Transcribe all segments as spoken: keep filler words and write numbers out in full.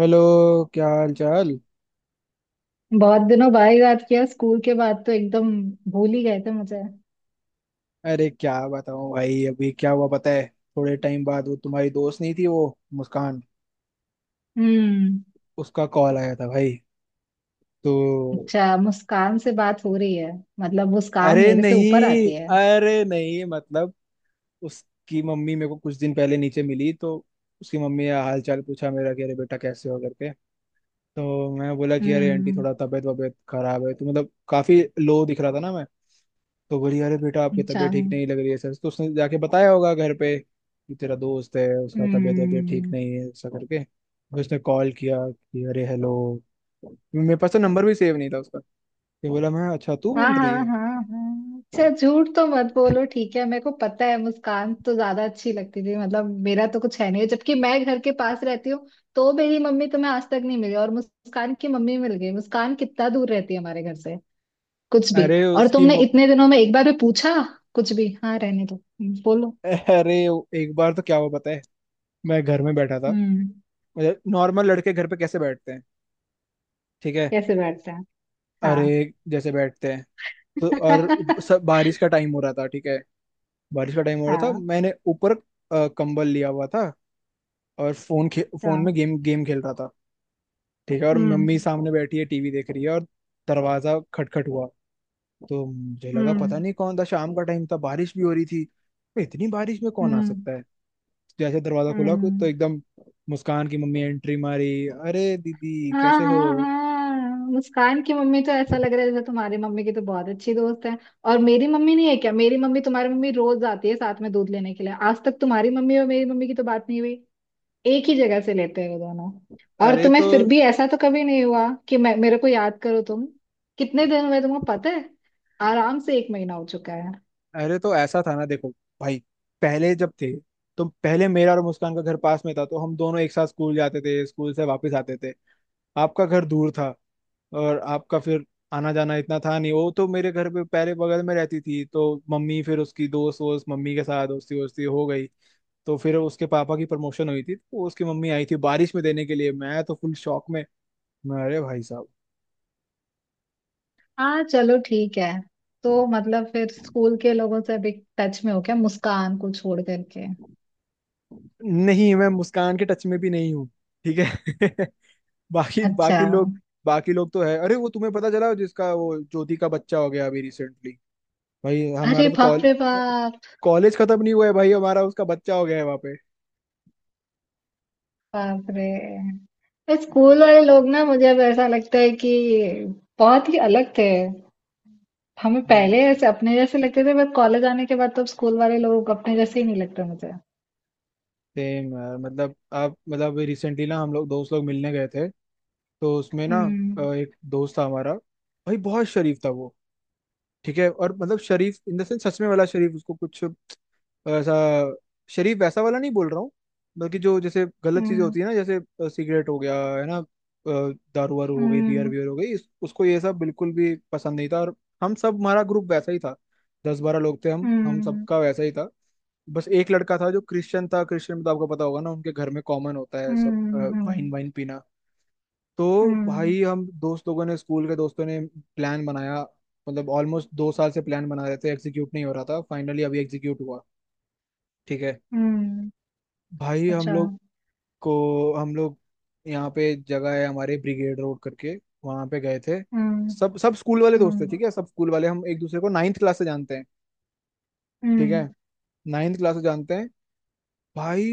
Hello. क्या हाल चाल। बहुत दिनों बाद याद किया। स्कूल के बाद तो एकदम भूल ही गए थे मुझे। अरे क्या बताऊं भाई, अभी क्या हुआ पता है? थोड़े टाइम बाद वो तुम्हारी दोस्त नहीं थी वो, मुस्कान, हम्म। उसका कॉल आया था भाई। तो अच्छा, मुस्कान से बात हो रही है? मतलब मुस्कान अरे मेरे से ऊपर नहीं, आती है? अरे नहीं, मतलब उसकी मम्मी मेरे को कुछ दिन पहले नीचे मिली तो उसकी मम्मी का हाल चाल पूछा मेरा कि अरे बेटा कैसे हो करके। तो मैं बोला कि अरे आंटी हम्म। थोड़ा तबीयत वबीयत खराब है, तो मतलब काफी लो दिख रहा था ना मैं। तो बोली अरे बेटा आपकी अच्छा। तबीयत ठीक नहीं लग रही है सर, तो उसने जाके बताया होगा घर पे कि तेरा दोस्त है उसका तबीयत वबीयत ठीक हम्म। नहीं है, ऐसा करके फिर उसने कॉल किया कि अरे हेलो। मेरे पास तो नंबर भी सेव नहीं था उसका। ये बोला मैं, अच्छा तू हाँ बोल रही हाँ है। हाँ हाँ, अच्छा झूठ तो मत बोलो। ठीक है, मेरे को पता है मुस्कान तो ज्यादा अच्छी लगती थी। मतलब मेरा तो कुछ है नहीं, जबकि मैं घर के पास रहती हूँ। तो मेरी मम्मी तुम्हें आज तक नहीं मिली और मुस्कान की मम्मी मिल गई। मुस्कान कितना दूर रहती है हमारे घर से। कुछ भी। अरे और उसकी तुमने म... इतने दिनों में एक बार भी पूछा। कुछ भी। हाँ, रहने दो। हम्म, बोलो। अरे एक बार तो क्या हुआ पता है, मैं घर में बैठा था। हम्म। मतलब नॉर्मल लड़के घर पे कैसे बैठते हैं, ठीक है। कैसे बैठते हैं? हाँ। अरे जैसे बैठते हैं। तो और सब बारिश का टाइम हो रहा था, ठीक है। बारिश का टाइम हो रहा था, हाँ मैंने ऊपर अ, कंबल लिया हुआ था। और फोन खे, फोन में हाँ। गेम गेम खेल रहा था। ठीक है, और मम्मी हम्म। सामने बैठी है टीवी देख रही है, और दरवाजा खटखट हुआ। तो मुझे लगा पता हम्म। नहीं कौन था, शाम का टाइम था बारिश भी हो रही थी तो इतनी बारिश में कौन आ हम्म। सकता है। जैसे दरवाजा खुला तो हम्म। एकदम मुस्कान की मम्मी एंट्री मारी, अरे दीदी हाँ कैसे हो। हाँ हाँ, मुस्कान की मम्मी तो ऐसा लग रहा है जैसे तुम्हारी मम्मी की तो बहुत अच्छी दोस्त है। और मेरी मम्मी नहीं है क्या? मेरी मम्मी तुम्हारी मम्मी रोज आती है साथ में दूध लेने के लिए। आज तक तुम्हारी मम्मी और मेरी मम्मी की तो बात नहीं हुई। एक ही जगह से लेते हैं वो दोनों। और अरे तुम्हें तो, फिर भी ऐसा तो कभी नहीं हुआ कि मैं मेरे को याद करो तुम। कितने दिन हुए तुमको पता है? आराम से एक महीना हो चुका है। अरे तो ऐसा था ना देखो भाई, पहले जब थे तो पहले मेरा और मुस्कान का घर पास में था तो हम दोनों एक साथ स्कूल जाते थे, स्कूल से वापस आते थे। आपका घर दूर था और आपका फिर आना जाना इतना था नहीं। वो तो मेरे घर पे पहले बगल में रहती थी तो मम्मी फिर उसकी दोस्त वोस्त, मम्मी के साथ दोस्ती वोस्ती हो गई। तो फिर उसके पापा की प्रमोशन हुई थी तो उसकी मम्मी आई थी बारिश में देने के लिए, मैं तो फुल शॉक में। मैं, अरे भाई साहब। हाँ चलो ठीक है। तो मतलब फिर स्कूल के लोगों से अभी टच में हो क्या, मुस्कान को छोड़ करके? नहीं, मैं मुस्कान के टच में भी नहीं हूँ, ठीक है। बाकी अच्छा। बाकी लोग, बाकी लोग तो है। अरे वो तुम्हें पता चला जिसका वो ज्योति का बच्चा हो गया अभी रिसेंटली। भाई अरे हमारा तो बाप कॉल रे बाप। कॉलेज खत्म नहीं हुआ है भाई हमारा, उसका बच्चा हो गया है वहां पे। बाप रे, स्कूल वाले लोग ना मुझे अब ऐसा लगता है कि बहुत ही अलग थे। हमें सेम पहले ऐसे अपने जैसे लगते थे, बट कॉलेज आने के बाद तो अब स्कूल वाले लोग अपने जैसे ही नहीं लगते मुझे। यार, मतलब आप मतलब रिसेंटली ना हम लोग दोस्त लोग मिलने गए थे। तो उसमें ना अ, हम्म। एक दोस्त था हमारा, भाई बहुत शरीफ था वो, ठीक है। और मतलब शरीफ इन द सेंस, सच में वाला शरीफ, उसको कुछ ऐसा शरीफ वैसा वाला नहीं बोल रहा हूँ। बल्कि जो जैसे गलत चीजें हम्म। होती है ना, जैसे अ, सिगरेट हो गया है ना, अ, दारू वारू हो गई, बियर हम्म। वियर हो गई, इस, उसको ये सब बिल्कुल भी पसंद नहीं था। और हम सब, हमारा ग्रुप वैसा ही था, दस बारह लोग थे हम, हम हम्म। सबका वैसा ही था। बस एक लड़का था जो क्रिश्चियन था, क्रिश्चियन में तो आपको पता होगा ना उनके घर में कॉमन होता है सब, हम्म। हम्म। वाइन वाइन पीना। तो हम्म, भाई हम दोस्त लोगों ने, स्कूल के दोस्तों ने प्लान बनाया। मतलब ऑलमोस्ट दो साल से प्लान बना रहे थे, एग्जीक्यूट नहीं हो रहा था, फाइनली अभी एग्जीक्यूट हुआ, ठीक है। हम्म, भाई हम अच्छा। लोग को हम लोग यहाँ पे एक जगह है हमारे, ब्रिगेड रोड करके, वहां पे गए थे। हम्म। सब सब स्कूल वाले दोस्त थे, हम्म। ठीक है, सब स्कूल वाले। हम एक दूसरे को नाइन्थ क्लास से जानते हैं, ठीक है, हम्म। नाइन्थ क्लास से जानते हैं भाई।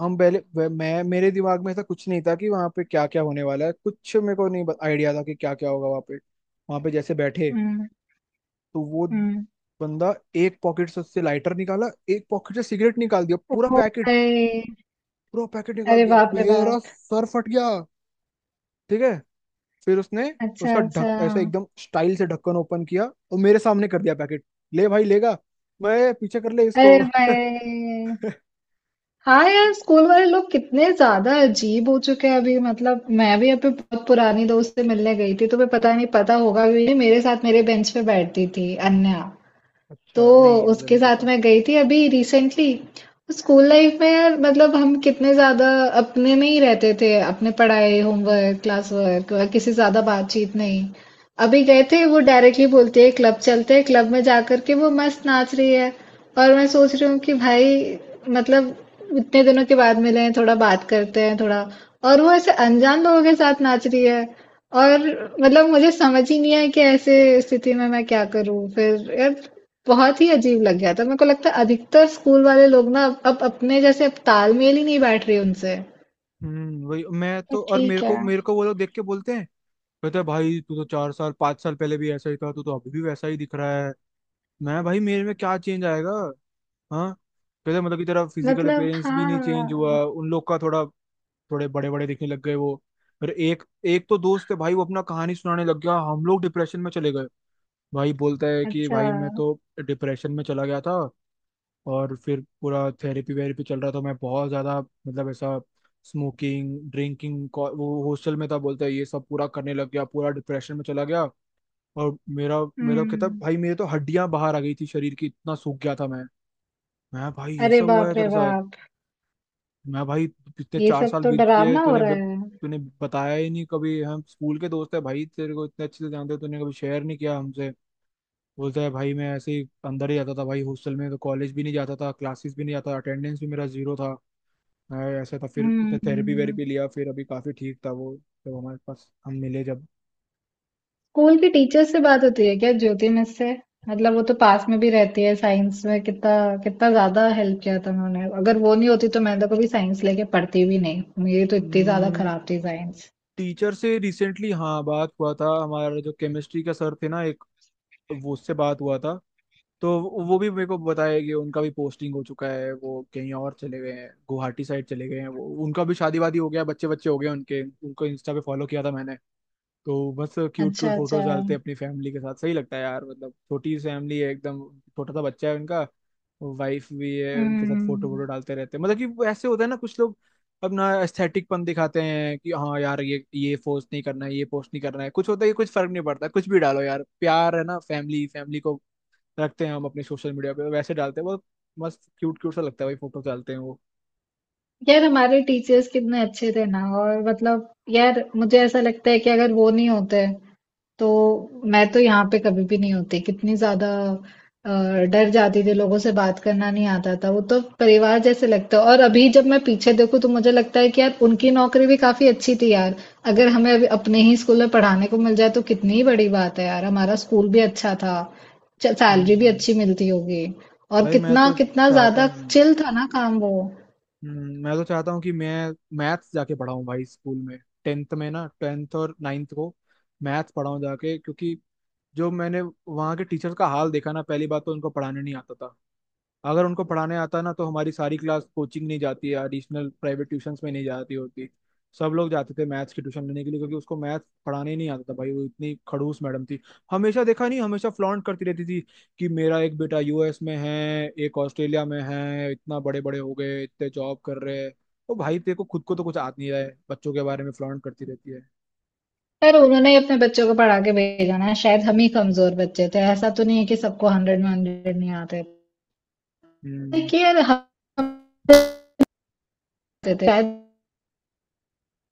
हम पहले वे- मैं, मेरे दिमाग में ऐसा कुछ नहीं था कि वहाँ पे क्या क्या होने वाला है, कुछ मेरे को नहीं आइडिया था कि क्या क्या होगा वहाँ पे। वहाँ पे जैसे बैठे हम्म। तो वो हम्म। बंदा एक पॉकेट से उससे लाइटर निकाला, एक पॉकेट से सिगरेट निकाल दिया पूरा ओ पैकेट, भाई। पूरा पैकेट निकाल अरे दिया, बाप रे मेरा बाप। सर फट गया, ठीक है। फिर उसने अच्छा उसका अच्छा। ढक ऐसे एकदम स्टाइल से ढक्कन ओपन किया, और मेरे सामने कर दिया पैकेट, ले भाई लेगा। मैं, पीछे कर ले इसको। अरे भाई। हाँ यार, स्कूल वाले लोग कितने ज्यादा अजीब हो चुके हैं अभी। मतलब मैं भी अपने बहुत पुरानी दोस्त से मिलने गई थी, तुम्हें पता नहीं, पता होगा भी नहीं। मेरे साथ मेरे बेंच पे बैठती थी अन्या। अच्छा तो नहीं मुझे उसके नहीं साथ पता। मैं गई थी अभी रिसेंटली। स्कूल लाइफ में यार, मतलब हम कितने ज्यादा अपने में ही रहते थे, अपने पढ़ाई, होमवर्क, क्लास वर्क, किसी से ज्यादा बातचीत नहीं। अभी गए थे वो डायरेक्टली बोलती है क्लब चलते हैं। क्लब में जाकर के वो मस्त नाच रही है। और मैं सोच रही हूँ कि भाई, मतलब इतने दिनों के बाद मिले हैं, थोड़ा बात करते हैं थोड़ा। और वो ऐसे अनजान लोगों के साथ नाच रही है। और मतलब मुझे समझ ही नहीं आया कि ऐसे स्थिति में मैं क्या करूँ फिर यार। बहुत ही अजीब लग गया था। मेरे को लगता है अधिकतर स्कूल वाले लोग ना अब अब अपने जैसे अब तालमेल ही नहीं बैठ रही उनसे। हम्म, वही। मैं तो तो, और मेरे ठीक है। को, मेरे को वो लोग देख के बोलते हैं, कहते हैं भाई तू तो चार साल पांच साल पहले भी ऐसा ही था, तू तो अभी भी वैसा ही दिख रहा है। मैं, भाई मेरे में क्या चेंज आएगा। हाँ, कहते हैं, मतलब की तरह फिजिकल मतलब अपीयरेंस भी नहीं चेंज हाँ। हुआ उन लोग का थोड़ा, थोड़े बड़े बड़े दिखने लग गए वो। फिर एक एक तो दोस्त है भाई, वो अपना कहानी सुनाने लग गया, हम लोग डिप्रेशन में चले गए। भाई बोलता है कि अच्छा। भाई मैं तो डिप्रेशन में चला गया था, और फिर पूरा थेरेपी वेरेपी चल रहा था, मैं बहुत ज़्यादा मतलब ऐसा, स्मोकिंग ड्रिंकिंग, वो हॉस्टल में था, बोलता है ये सब पूरा करने लग गया, पूरा डिप्रेशन में चला गया। और मेरा मेरा कहता है, हुँ। भाई मेरे तो हड्डियां बाहर आ गई थी, शरीर की इतना सूख गया था मैं। मैं, भाई ये अरे सब हुआ बाप है रे तेरे साथ। बाप! मैं, भाई इतने ये चार सब साल तो बीत गए, डरावना हो तूने रहा ब- है। तूने बताया ही नहीं कभी, हम स्कूल के दोस्त है भाई, तेरे को इतने अच्छे से जानते हैं, तूने कभी शेयर नहीं किया हमसे। बोलता है भाई मैं ऐसे ही अंदर ही जाता था भाई, हॉस्टल में तो कॉलेज भी नहीं जाता था, क्लासेस भी नहीं जाता, अटेंडेंस भी मेरा जीरो था, मैं ऐसा था। फिर थेरेपी हुँ। वेरेपी लिया, फिर अभी काफी ठीक था वो, जब हमारे पास हम मिले जब। स्कूल की टीचर से बात होती है क्या, ज्योति मिस से? मतलब वो तो पास में भी रहती है। साइंस में कितना कितना ज्यादा हेल्प किया था उन्होंने। अगर वो नहीं होती तो मैं तो कभी साइंस लेके पढ़ती भी नहीं। मेरी तो इतनी ज्यादा खराब थी साइंस। टीचर से रिसेंटली हाँ बात हुआ था हमारा, जो केमिस्ट्री का सर थे ना एक, वो, उससे बात हुआ था। तो वो भी मेरे को बताया कि उनका भी पोस्टिंग हो चुका है, वो कहीं और चले गए हैं, गुवाहाटी साइड चले गए हैं वो। उनका भी शादी वादी हो गया, बच्चे बच्चे हो गए उनके, उनको इंस्टा पे फॉलो किया था मैंने। तो बस क्यूट अच्छा, क्यूट अच्छा। फोटोज डालते हैं अपनी फैमिली के साथ, सही लगता है यार, मतलब छोटी सी फैमिली है एकदम, छोटा सा बच्चा है उनका, वाइफ भी है उनके साथ, फोटो वोटो हम्म। डालते रहते हैं। मतलब कि वो ऐसे होता है ना कुछ लोग अपना एस्थेटिकपन दिखाते हैं कि हाँ यार ये ये पोस्ट नहीं करना है, ये पोस्ट नहीं करना है, कुछ होता है कि कुछ फर्क नहीं पड़ता, कुछ भी डालो यार, प्यार है ना फैमिली, फैमिली को रखते हैं हम अपने सोशल मीडिया पे, वैसे डालते हैं बहुत मस्त, क्यूट क्यूट सा लगता है भाई फोटो डालते हैं वो। यार हमारे टीचर्स कितने अच्छे थे ना। और मतलब यार मुझे ऐसा लगता है कि अगर वो नहीं होते तो मैं तो यहाँ पे कभी भी नहीं होती। कितनी ज्यादा अ, डर जाती थी, लोगों से बात करना नहीं आता था। वो तो परिवार जैसे लगता है। और अभी जब मैं पीछे देखूं तो मुझे लगता है कि यार उनकी नौकरी भी काफी अच्छी थी यार। अगर हमें अभी अपने ही स्कूल में पढ़ाने को मिल जाए तो कितनी ही बड़ी बात है। यार हमारा स्कूल भी अच्छा था। सैलरी भी हम्म, अच्छी मिलती होगी। और भाई मैं कितना तो कितना चाहता ज्यादा हूँ, चिल था ना काम वो। हम्म, मैं तो चाहता हूँ कि मैं मैथ्स जाके पढ़ाऊँ भाई स्कूल में, टेंथ में ना, टेंथ और नाइन्थ को मैथ्स पढ़ाऊँ जाके। क्योंकि जो मैंने वहाँ के टीचर का हाल देखा ना, पहली बात तो उनको पढ़ाने नहीं आता था। अगर उनको पढ़ाने आता ना, तो हमारी सारी क्लास कोचिंग नहीं जाती है एडिशनल प्राइवेट ट्यूशंस में, नहीं जाती होती। सब लोग जाते थे मैथ्स की ट्यूशन लेने के लिए, क्योंकि उसको मैथ्स पढ़ाने ही नहीं आता था भाई, वो इतनी खड़ूस मैडम थी। हमेशा देखा नहीं, हमेशा फ्लॉन्ट करती रहती थी कि मेरा एक बेटा यू एस में है, एक ऑस्ट्रेलिया में है, इतना बड़े बड़े हो गए, इतने जॉब कर रहे हैं। तो भाई तेरे को खुद को तो कुछ आता नहीं रहा है, बच्चों के बारे में फ्लॉन्ट करती रहती है। पर उन्होंने ही अपने बच्चों को पढ़ा के भेजा ना। शायद हम ही कमजोर बच्चे थे। ऐसा तो नहीं है कि सबको हंड्रेड में हंड्रेड नहीं आते। हम्म, देखिए यार हम आते थे शायद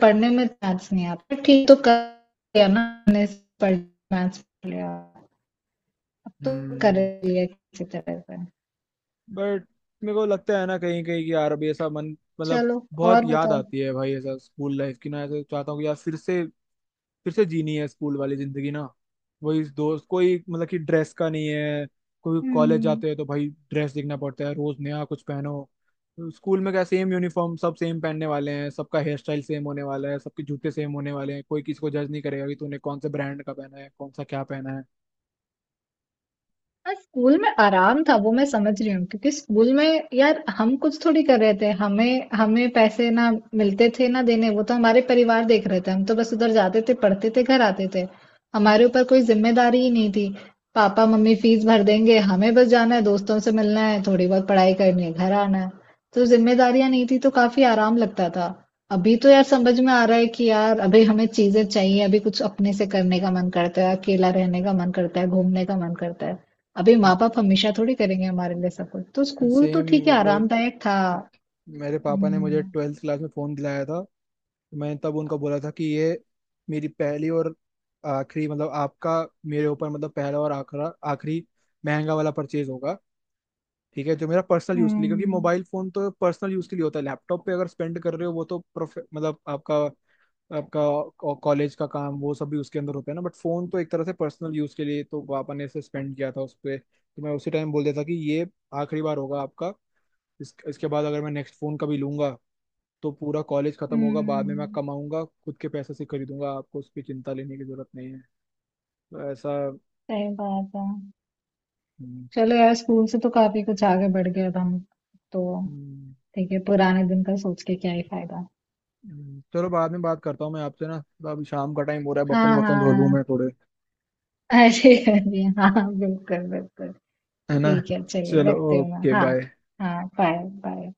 पढ़ने में। मैथ्स नहीं आता ठीक तो कर लिया ना हमने। पढ़ मैथ्स पढ़ लिया। अब तो कर हम्म, लिया किसी तरह से। बट मेरे को लगता है ना कहीं कहीं कि यार अभी ऐसा मन, मतलब चलो, बहुत और याद बताओ। आती है भाई ऐसा स्कूल लाइफ की ना, ऐसा चाहता हूँ कि यार फिर से, फिर से जीनी है स्कूल वाली जिंदगी ना। वही दोस्त कोई, मतलब कि ड्रेस का नहीं है, कोई कॉलेज हम्म। जाते हैं तो भाई ड्रेस देखना पड़ता है, रोज नया कुछ पहनो। स्कूल में क्या, सेम यूनिफॉर्म, सब सेम पहनने वाले हैं, सबका हेयर स्टाइल सेम होने वाला है, सबके जूते सेम होने वाले हैं, कोई किसी को जज नहीं करेगा कि तूने कौन से ब्रांड का पहना है, कौन सा क्या पहना है। हाँ, स्कूल में आराम था वो मैं समझ रही हूँ। क्योंकि स्कूल में यार हम कुछ थोड़ी कर रहे थे, हमें हमें पैसे ना मिलते थे ना देने। वो तो हमारे परिवार देख रहे थे, हम तो बस उधर जाते थे पढ़ते थे घर आते थे। हमारे ऊपर कोई जिम्मेदारी ही नहीं थी। पापा मम्मी फीस भर देंगे, हमें बस जाना है, दोस्तों से मिलना है, थोड़ी बहुत पढ़ाई करनी है, घर आना है। तो जिम्मेदारियां नहीं थी तो काफी आराम लगता था। अभी तो यार समझ में आ रहा है कि यार अभी हमें चीजें चाहिए, अभी कुछ अपने से करने का मन करता है, अकेला रहने का मन करता है, घूमने का मन करता है। अभी माँ बाप हमेशा थोड़ी करेंगे हमारे लिए सब कुछ। तो स्कूल तो सेम, ठीक है मतलब आरामदायक था। मेरे पापा ने मुझे हम्म। ट्वेल्थ क्लास में फ़ोन दिलाया था। मैंने तब उनको बोला था कि ये मेरी पहली और आखिरी, मतलब आपका मेरे ऊपर, मतलब पहला और आखिरा आखिरी महंगा वाला परचेज होगा, ठीक है, जो मेरा पर्सनल यूज़ के लिए। क्योंकि हम्म। मोबाइल फ़ोन तो पर्सनल यूज़ के लिए होता है, लैपटॉप पे अगर स्पेंड कर रहे हो वो तो प्रोफे मतलब आपका, आपका कॉलेज का काम वो सब भी उसके अंदर होता है ना। बट फ़ोन तो एक तरह से पर्सनल यूज़ के लिए, तो पापा ने इसे स्पेंड किया था उस पर, तो मैं उसी टाइम बोल देता कि ये आखिरी बार होगा आपका। इस, इसके बाद अगर मैं नेक्स्ट फोन कभी लूंगा, तो पूरा कॉलेज खत्म होगा, बाद में मैं हम्म। कमाऊंगा खुद के पैसे से खरीदूंगा, आपको उसकी चिंता लेने की जरूरत नहीं है। तो ऐसा। सही बात है। हम्म, चलो यार, स्कूल से तो काफी कुछ आगे बढ़ गए अब हम। तो हम्म, ठीक है, पुराने दिन का सोच के क्या ही फायदा। हम्म, चलो बाद में बात करता हूँ मैं आपसे ना, तो अभी शाम का टाइम हो रहा है, बर्तन हाँ बर्तन धो लूँ मैं हाँ। थोड़े, अरे अरे हाँ, बिल्कुल बिल्कुल। है ना। ठीक है, चलिए चलो, रखते हो मैं ओके हाँ। बाय। हाँ बाय। बाय।